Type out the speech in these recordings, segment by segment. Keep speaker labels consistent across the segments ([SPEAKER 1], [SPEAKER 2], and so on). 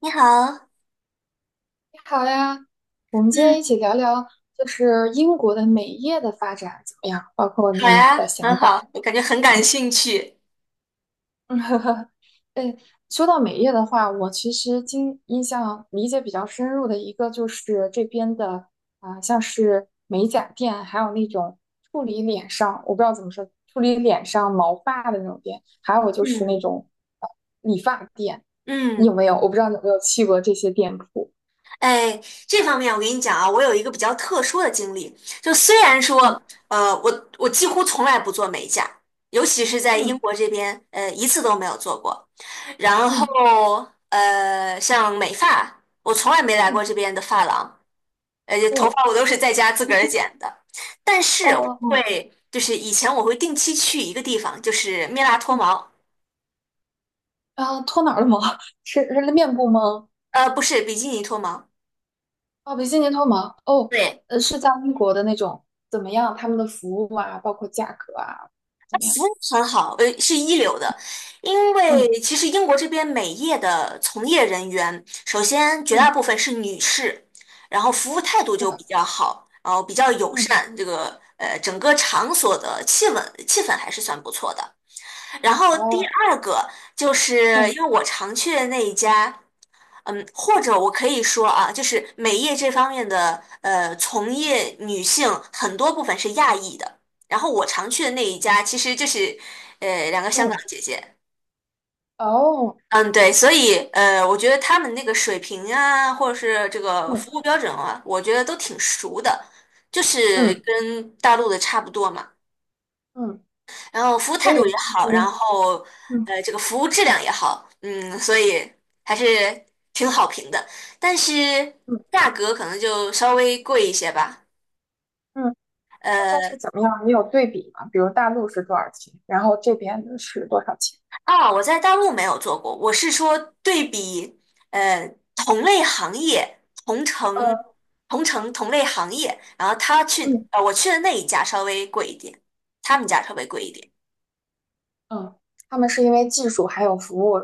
[SPEAKER 1] 你好。
[SPEAKER 2] 你好呀，我们今天一
[SPEAKER 1] 嗯。
[SPEAKER 2] 起聊聊，就是英国的美业的发展怎么样，包括
[SPEAKER 1] 好
[SPEAKER 2] 你
[SPEAKER 1] 呀，
[SPEAKER 2] 的
[SPEAKER 1] 很
[SPEAKER 2] 想
[SPEAKER 1] 好，
[SPEAKER 2] 法。
[SPEAKER 1] 我感觉很感兴趣。
[SPEAKER 2] 嗯，哎，说到美业的话，我其实经印象理解比较深入的一个就是这边的啊、像是美甲店，还有那种处理脸上，我不知道怎么说，处理脸上毛发的那种店，还有就是那
[SPEAKER 1] 嗯
[SPEAKER 2] 种呃理发店。你有
[SPEAKER 1] 嗯。
[SPEAKER 2] 没有？我不知道你有没有去过这些店铺。
[SPEAKER 1] 哎，这方面我跟你讲啊，我有一个比较特殊的经历。就虽然说，
[SPEAKER 2] 嗯
[SPEAKER 1] 呃，我几乎从来不做美甲。尤其是在英
[SPEAKER 2] 嗯
[SPEAKER 1] 国这边，一次都没有做过。然
[SPEAKER 2] 嗯
[SPEAKER 1] 后，像美发，我从来没来
[SPEAKER 2] 嗯，
[SPEAKER 1] 过这边的发廊，而且头
[SPEAKER 2] 哦。
[SPEAKER 1] 发我都是在家自个儿剪的。但是
[SPEAKER 2] 哦
[SPEAKER 1] 我
[SPEAKER 2] 哦哦，
[SPEAKER 1] 会，就是以前我会定期去一个地方，就是蜜蜡脱
[SPEAKER 2] 嗯
[SPEAKER 1] 毛。
[SPEAKER 2] 啊，脱哪儿的毛？是面部吗？
[SPEAKER 1] 不是比基尼脱毛。
[SPEAKER 2] 哦，比基尼脱毛。哦，
[SPEAKER 1] 对，
[SPEAKER 2] 是在英国的那种，怎么样？他们的服务啊，包括价格啊，怎么样？
[SPEAKER 1] 服务很好，是一流的。因为
[SPEAKER 2] 嗯
[SPEAKER 1] 其实英国这边美业的从业人员，首先绝
[SPEAKER 2] 嗯，
[SPEAKER 1] 大部分是女士，然后服务态度
[SPEAKER 2] 是
[SPEAKER 1] 就比
[SPEAKER 2] 的，
[SPEAKER 1] 较好，然后比较友
[SPEAKER 2] 嗯
[SPEAKER 1] 善，这个整个场所的气氛还是算不错的。然后第
[SPEAKER 2] 哦，
[SPEAKER 1] 二个就是因为
[SPEAKER 2] 嗯
[SPEAKER 1] 我常去的那一家。或者我可以说啊，就是美业这方面的从业女性很多部分是亚裔的。然后我常去的那一家其实就是两个香港
[SPEAKER 2] 嗯
[SPEAKER 1] 姐姐。
[SPEAKER 2] 哦，
[SPEAKER 1] 嗯，对。所以我觉得他们那个水平啊，或者是这个服务
[SPEAKER 2] 嗯
[SPEAKER 1] 标准啊，我觉得都挺熟的，就是
[SPEAKER 2] 嗯
[SPEAKER 1] 跟大陆的差不多嘛。
[SPEAKER 2] 嗯，
[SPEAKER 1] 然后服务
[SPEAKER 2] 所
[SPEAKER 1] 态
[SPEAKER 2] 以
[SPEAKER 1] 度也
[SPEAKER 2] 其
[SPEAKER 1] 好，然
[SPEAKER 2] 实，
[SPEAKER 1] 后
[SPEAKER 2] 嗯
[SPEAKER 1] 这个服务质量也好。嗯，所以还是挺好评的。但是
[SPEAKER 2] 嗯
[SPEAKER 1] 价格可能就稍微贵一些吧。
[SPEAKER 2] 嗯，大概
[SPEAKER 1] 呃，
[SPEAKER 2] 是怎么样？你有对比吗？比如大陆是多少钱，然后这边的是多少钱？
[SPEAKER 1] 我在大陆没有做过，我是说对比呃同类行业、
[SPEAKER 2] 呃，
[SPEAKER 1] 同城同类行业，然后
[SPEAKER 2] 嗯
[SPEAKER 1] 我去的那一家稍微贵一点，他们家稍微贵一点。
[SPEAKER 2] 嗯，他们是因为技术还有服务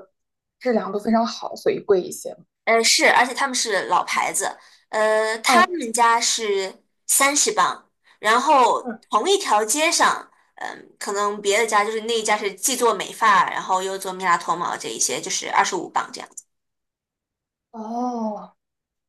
[SPEAKER 2] 质量都非常好，所以贵一些。
[SPEAKER 1] 是，而且他们是老牌子。他
[SPEAKER 2] 哦，
[SPEAKER 1] 们家是30 磅。然后
[SPEAKER 2] 嗯，
[SPEAKER 1] 同一条街上，可能别的家，就是那一家是既做美发，然后又做蜜蜡脱毛这一些，就是25 磅这样子。
[SPEAKER 2] 哦，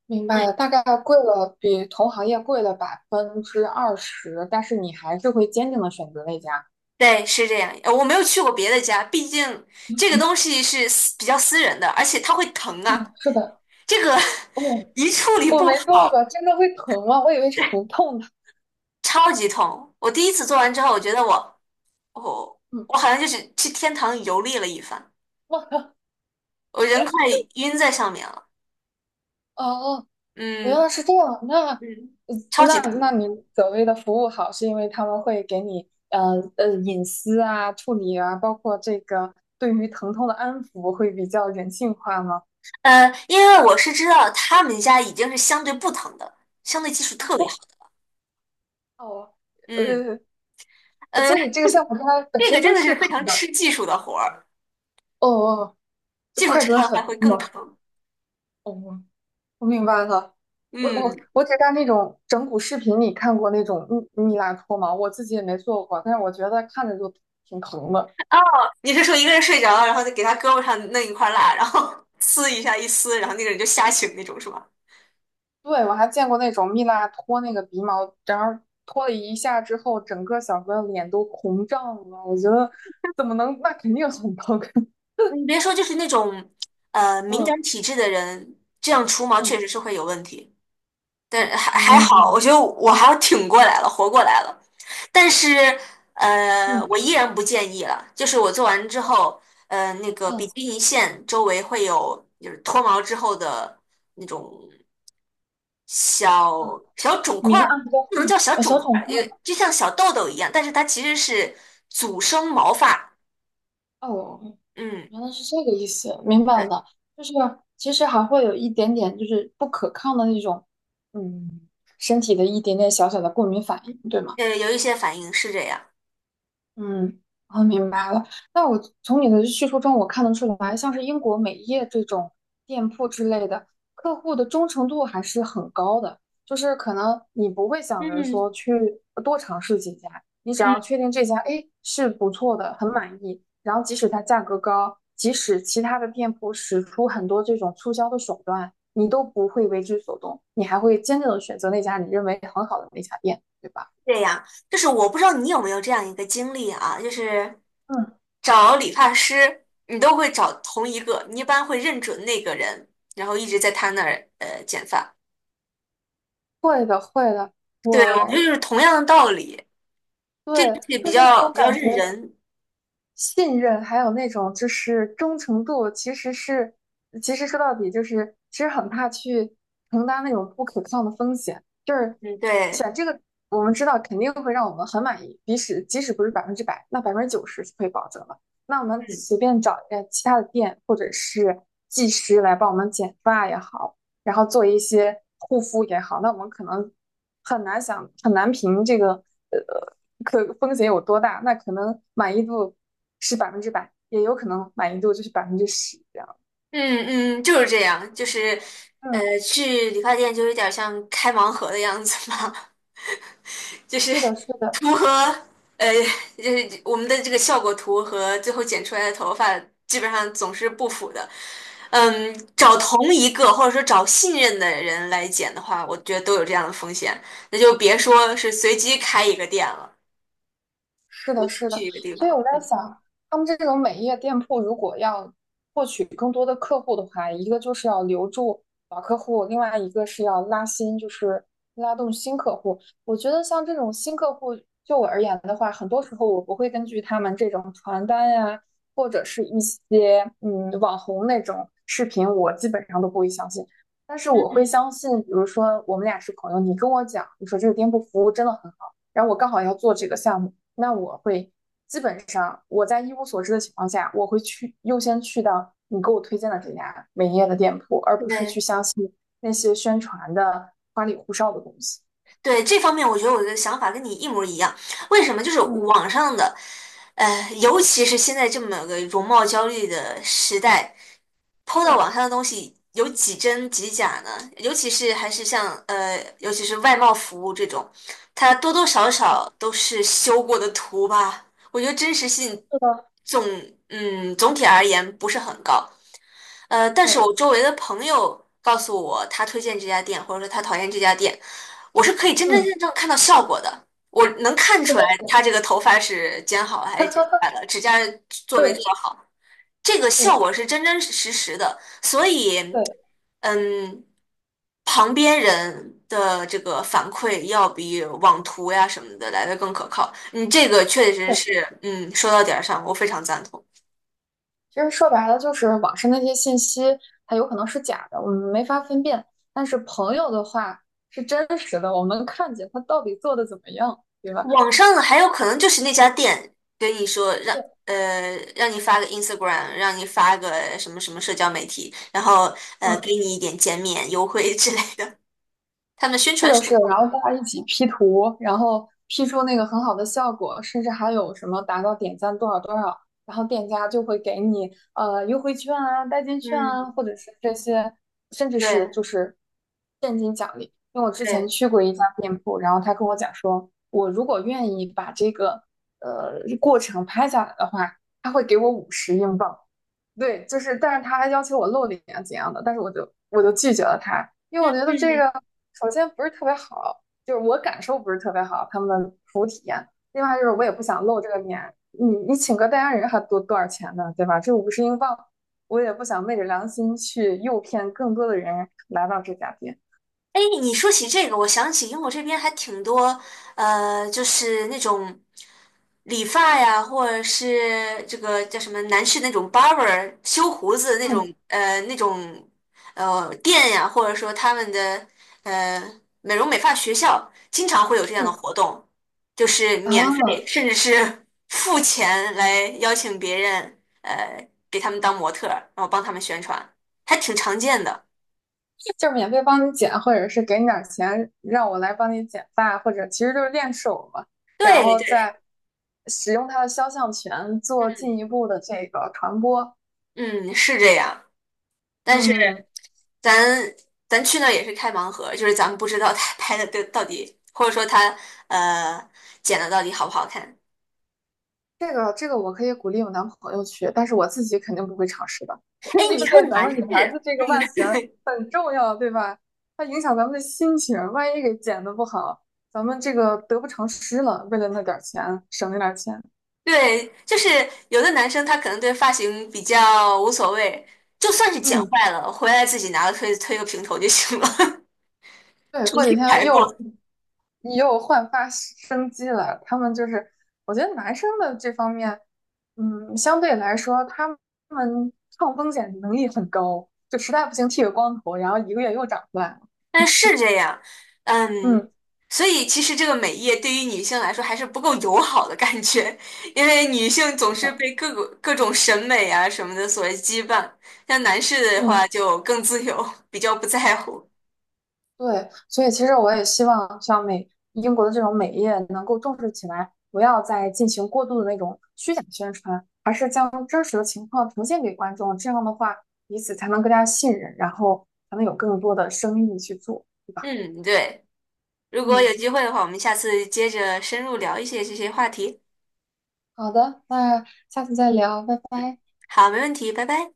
[SPEAKER 2] 明白
[SPEAKER 1] 嗯，
[SPEAKER 2] 了，大概贵了，比同行业贵了20%，但是你还是会坚定的选择那家。
[SPEAKER 1] 对，是这样。我没有去过别的家，毕竟这个东西是比较私人的，而且它会疼啊。
[SPEAKER 2] 嗯，是的，
[SPEAKER 1] 这个
[SPEAKER 2] 哦，
[SPEAKER 1] 一处理
[SPEAKER 2] 我
[SPEAKER 1] 不
[SPEAKER 2] 没做
[SPEAKER 1] 好，
[SPEAKER 2] 过，真的会疼吗？我以为是不痛的。
[SPEAKER 1] 超级痛。我第一次做完之后，我觉得我
[SPEAKER 2] 嗯
[SPEAKER 1] 我好像就是去天堂游历了一番。
[SPEAKER 2] 哇，
[SPEAKER 1] 我人快晕在上面了。
[SPEAKER 2] 哦哦，
[SPEAKER 1] 嗯
[SPEAKER 2] 原来是这样。
[SPEAKER 1] 嗯。
[SPEAKER 2] 呃
[SPEAKER 1] 超级
[SPEAKER 2] 那，那
[SPEAKER 1] 疼。
[SPEAKER 2] 你所谓的服务好，是因为他们会给你，隐私啊、处理啊，包括这个对于疼痛的安抚，会比较人性化吗？
[SPEAKER 1] 因为我是知道他们家已经是相对不疼的，相对技术
[SPEAKER 2] 啊，
[SPEAKER 1] 特别好。
[SPEAKER 2] 哦，
[SPEAKER 1] 嗯。
[SPEAKER 2] 呃，
[SPEAKER 1] 呃，
[SPEAKER 2] 所以这个项目它本
[SPEAKER 1] 这个
[SPEAKER 2] 身
[SPEAKER 1] 真
[SPEAKER 2] 就
[SPEAKER 1] 的
[SPEAKER 2] 是
[SPEAKER 1] 是非
[SPEAKER 2] 疼
[SPEAKER 1] 常
[SPEAKER 2] 的。
[SPEAKER 1] 吃技术的活儿，
[SPEAKER 2] 哦，哦，就
[SPEAKER 1] 技术
[SPEAKER 2] 快
[SPEAKER 1] 差
[SPEAKER 2] 准
[SPEAKER 1] 了还
[SPEAKER 2] 狠
[SPEAKER 1] 会更
[SPEAKER 2] 嘛。
[SPEAKER 1] 疼。
[SPEAKER 2] 哦，我明白了。我
[SPEAKER 1] 嗯。
[SPEAKER 2] 我我只在那种整蛊视频里看过那种蜜蜡脱毛，我自己也没做过，但是我觉得看着就挺疼的。
[SPEAKER 1] 哦，你是说一个人睡着了，然后再给他胳膊上弄一块蜡，然后 撕一下一撕，然后那个人就吓醒那种是吧？
[SPEAKER 2] 对，我还见过那种蜜蜡脱那个鼻毛，然后脱了一下之后，整个小哥脸都红胀了。我觉得怎么能，那肯定很疼。
[SPEAKER 1] 你别说，就是那种敏感
[SPEAKER 2] 嗯
[SPEAKER 1] 体质的人，这样除毛确
[SPEAKER 2] 嗯
[SPEAKER 1] 实是会有问题。但还好，
[SPEAKER 2] 嗯
[SPEAKER 1] 我觉得我还挺过来了，活过来了。但是，
[SPEAKER 2] 嗯
[SPEAKER 1] 我依然不建议了。就是我做完之后，那个
[SPEAKER 2] 嗯
[SPEAKER 1] 比基尼线周围会有就是脱毛之后的那种小
[SPEAKER 2] 嗯，
[SPEAKER 1] 小肿块
[SPEAKER 2] 明
[SPEAKER 1] 儿，
[SPEAKER 2] 暗交
[SPEAKER 1] 不能
[SPEAKER 2] 替
[SPEAKER 1] 叫小
[SPEAKER 2] 呃，
[SPEAKER 1] 肿
[SPEAKER 2] 小
[SPEAKER 1] 块
[SPEAKER 2] 肿
[SPEAKER 1] 儿，
[SPEAKER 2] 块
[SPEAKER 1] 就像小痘痘一样，但是它其实是阻生毛发。
[SPEAKER 2] 哦，
[SPEAKER 1] 嗯，
[SPEAKER 2] 原来是这个意思，明白
[SPEAKER 1] 对。
[SPEAKER 2] 了。就是其实还会有一点点，就是不可抗的那种，嗯，身体的一点点小小的过敏反应，对吗？
[SPEAKER 1] 有一些反应是这样。
[SPEAKER 2] 嗯，我明白了。那我从你的叙述中，我看得出来，像是英国美业这种店铺之类的，客户的忠诚度还是很高的。就是可能你不会想着
[SPEAKER 1] 嗯
[SPEAKER 2] 说去多尝试几家，你只
[SPEAKER 1] 嗯。
[SPEAKER 2] 要确定这家，哎，是不错的，很满意，然后即使它价格高，即使其他的店铺使出很多这种促销的手段，你都不会为之所动，你还会坚定的选择那家你认为很好的那家店，对吧？
[SPEAKER 1] 这样，就是我不知道你有没有这样一个经历啊。就是
[SPEAKER 2] 嗯，
[SPEAKER 1] 找理发师，你都会找同一个，你一般会认准那个人，然后一直在他那儿剪发。
[SPEAKER 2] 会的，会的。
[SPEAKER 1] 对，我觉得
[SPEAKER 2] 我
[SPEAKER 1] 就是同样的道理，
[SPEAKER 2] 对，
[SPEAKER 1] 这个东西比
[SPEAKER 2] 就是那
[SPEAKER 1] 较
[SPEAKER 2] 种
[SPEAKER 1] 比较
[SPEAKER 2] 感
[SPEAKER 1] 认
[SPEAKER 2] 觉，
[SPEAKER 1] 人。
[SPEAKER 2] 信任还有那种就是忠诚度，其实是，其实说到底就是，其实很怕去承担那种不可抗的风险。就是
[SPEAKER 1] 嗯，对，
[SPEAKER 2] 选这个，我们知道肯定会让我们很满意，即使不是百分之百，那90%是可以保证的。那我们随
[SPEAKER 1] 嗯
[SPEAKER 2] 便找一个其他的店或者是技师来帮我们剪发也好，然后做一些护肤也好，那我们可能很难想很难评这个呃可风险有多大，那可能满意度是百分之百，也有可能满意度就是10%这样。
[SPEAKER 1] 嗯嗯。就是这样，就是
[SPEAKER 2] 嗯，
[SPEAKER 1] 去理发店就有点像开盲盒的样子嘛。就是
[SPEAKER 2] 是的，是 的。
[SPEAKER 1] 图和呃，就是我们的这个效果图和最后剪出来的头发基本上总是不符的。找同一个或者说找信任的人来剪的话，我觉得都有这样的风险，那就别说是随机开一个店了，
[SPEAKER 2] 是
[SPEAKER 1] 随
[SPEAKER 2] 的，
[SPEAKER 1] 机
[SPEAKER 2] 是的，
[SPEAKER 1] 去一个地
[SPEAKER 2] 所以
[SPEAKER 1] 方。
[SPEAKER 2] 我在
[SPEAKER 1] 嗯。
[SPEAKER 2] 想，他们这种美业店铺如果要获取更多的客户的话，一个就是要留住老客户，另外一个是要拉新，就是拉动新客户。我觉得像这种新客户，就我而言的话，很多时候我不会根据他们这种传单呀，或者是一些嗯网红那种视频，我基本上都不会相信。但是我会
[SPEAKER 1] 嗯，
[SPEAKER 2] 相信，比如说我们俩是朋友，你跟我讲，你说这个店铺服务真的很然后我刚好要做这个项目，那我会基本上我在一无所知的情况下，我会去优先去到你给我推荐的这家美业的店铺，而不是去
[SPEAKER 1] 对。
[SPEAKER 2] 相信那些宣传的花里胡哨的东西。
[SPEAKER 1] 对这方面，我觉得我的想法跟你一模一样。为什么？就是
[SPEAKER 2] 嗯，
[SPEAKER 1] 网上的，尤其是现在这么个容貌焦虑的时代，PO 到
[SPEAKER 2] 对，
[SPEAKER 1] 网上的东西有几真几假呢？尤其是外贸服务这种，它多多少少都是修过的图吧。我觉得真实性
[SPEAKER 2] 是的，
[SPEAKER 1] 总总体而言不是很高。但是
[SPEAKER 2] 对，
[SPEAKER 1] 我周围的朋友告诉我，他推荐这家店，或者说他讨厌这家店，我是可以真真
[SPEAKER 2] 嗯，
[SPEAKER 1] 正正看到效果的。我能看
[SPEAKER 2] 是
[SPEAKER 1] 出
[SPEAKER 2] 的，
[SPEAKER 1] 来他这个头发是剪好了还是剪下来的，指甲做没做
[SPEAKER 2] 对，
[SPEAKER 1] 好，这个效
[SPEAKER 2] 对，
[SPEAKER 1] 果是真真实实的。所以，
[SPEAKER 2] 对，
[SPEAKER 1] 嗯，旁边人的这个反馈要比网图呀什么的来的更可靠。嗯，这个确实
[SPEAKER 2] 对。
[SPEAKER 1] 是。嗯，说到点儿上，我非常赞同。
[SPEAKER 2] 其实说白了，就是网上那些信息，它有可能是假的，我们没法分辨。但是朋友的话是真实的，我们能看见他到底做的怎么样，对吧？
[SPEAKER 1] 网上的还有可能就是那家店跟你说让
[SPEAKER 2] 对，
[SPEAKER 1] 呃让你发个 Instagram，让你发个什么什么社交媒体，然后
[SPEAKER 2] 嗯。
[SPEAKER 1] 给你一点减免优惠之类的，他们宣
[SPEAKER 2] 是
[SPEAKER 1] 传
[SPEAKER 2] 的，
[SPEAKER 1] 手
[SPEAKER 2] 是的，然后
[SPEAKER 1] 段。
[SPEAKER 2] 大家一起 P 图，然后 P 出那个很好的效果，甚至还有什么达到点赞多少多少，然后店家就会给你呃优惠券啊、代金券
[SPEAKER 1] 嗯，
[SPEAKER 2] 啊，或者是这些，甚至是
[SPEAKER 1] 对
[SPEAKER 2] 就是现金奖励。因为我之前
[SPEAKER 1] 对，
[SPEAKER 2] 去过一家店铺，然后他跟我讲说，我如果愿意把这个过程拍下来的话，他会给我五十英镑。对，就是，但是他还要求我露脸啊怎样的，但是我就拒绝了他，因为
[SPEAKER 1] 嗯
[SPEAKER 2] 我觉得这
[SPEAKER 1] 嗯
[SPEAKER 2] 个首先不是特别好，就是我感受不是特别好，他们的服务体验。另外就是我
[SPEAKER 1] 嗯。
[SPEAKER 2] 也不想露这个面，你你请个代言人还多多少钱呢，对吧？这五十英镑，我也不想昧着良心去诱骗更多的人来到这家店。
[SPEAKER 1] 哎，你说起这个，我想起英国这边还挺多。就是那种理发呀，或者是这个叫什么男士那种 barber 修胡子那种。
[SPEAKER 2] 嗯
[SPEAKER 1] 那种店呀，或者说他们的美容美发学校，经常会有这样的
[SPEAKER 2] 嗯
[SPEAKER 1] 活动，就是免费
[SPEAKER 2] 啊，
[SPEAKER 1] 甚至是 付钱来邀请别人，给他们当模特儿，然后帮他们宣传，还挺常见的。
[SPEAKER 2] 就是免费帮你剪，或者是给你点钱让我来帮你剪发，或者其实就是练手嘛，然
[SPEAKER 1] 对
[SPEAKER 2] 后
[SPEAKER 1] 对，
[SPEAKER 2] 再使用他的肖像权做进
[SPEAKER 1] 嗯。
[SPEAKER 2] 一步的这个传播。
[SPEAKER 1] 嗯，是这样。但是
[SPEAKER 2] 嗯，
[SPEAKER 1] 咱咱去那儿也是开盲盒，就是咱们不知道他拍的到底，或者说他呃剪的到底好不好看。
[SPEAKER 2] 这个我可以鼓励我男朋友去，但是我自己肯定不会尝试的，
[SPEAKER 1] 哎，
[SPEAKER 2] 因
[SPEAKER 1] 你
[SPEAKER 2] 为
[SPEAKER 1] 说
[SPEAKER 2] 咱
[SPEAKER 1] 男
[SPEAKER 2] 们女
[SPEAKER 1] 士。
[SPEAKER 2] 孩子这个外
[SPEAKER 1] 嗯，
[SPEAKER 2] 形很重要，对吧？它影响咱们的心情，万一给剪的不好，咱们这个得不偿失了。为了那点儿钱，省那点儿钱，
[SPEAKER 1] 对，就是有的男生他可能对发型比较无所谓，就算是剪
[SPEAKER 2] 嗯，
[SPEAKER 1] 坏了，回来自己拿个推推个平头就行了。
[SPEAKER 2] 对，
[SPEAKER 1] 重
[SPEAKER 2] 过几
[SPEAKER 1] 新
[SPEAKER 2] 天
[SPEAKER 1] 来过。
[SPEAKER 2] 又。你又焕发生机了。他们就是，我觉得男生的这方面，嗯，相对来说，他们抗风险能力很高，就实在不行剃个光头，然后一个月又长出来了。
[SPEAKER 1] 但是这样。嗯，
[SPEAKER 2] 嗯，
[SPEAKER 1] 所以其实这个美业对于女性来说还是不够友好的感觉。因为女性总
[SPEAKER 2] 是
[SPEAKER 1] 是
[SPEAKER 2] 的，
[SPEAKER 1] 被各种审美啊什么的所羁绊，像男士的
[SPEAKER 2] 嗯，
[SPEAKER 1] 话就更自由，比较不在乎。
[SPEAKER 2] 对。所以其实我也希望像美英国的这种美业能够重视起来，不要再进行过度的那种虚假宣传，而是将真实的情况呈现给观众。这样的话，彼此才能更加信任，然后才能有更多的生意去做，对吧？
[SPEAKER 1] 嗯，对。如果有
[SPEAKER 2] 嗯。
[SPEAKER 1] 机会的话，我们下次接着深入聊一些这些话题。
[SPEAKER 2] 好的，那下次再聊，拜拜。
[SPEAKER 1] 好，没问题，拜拜。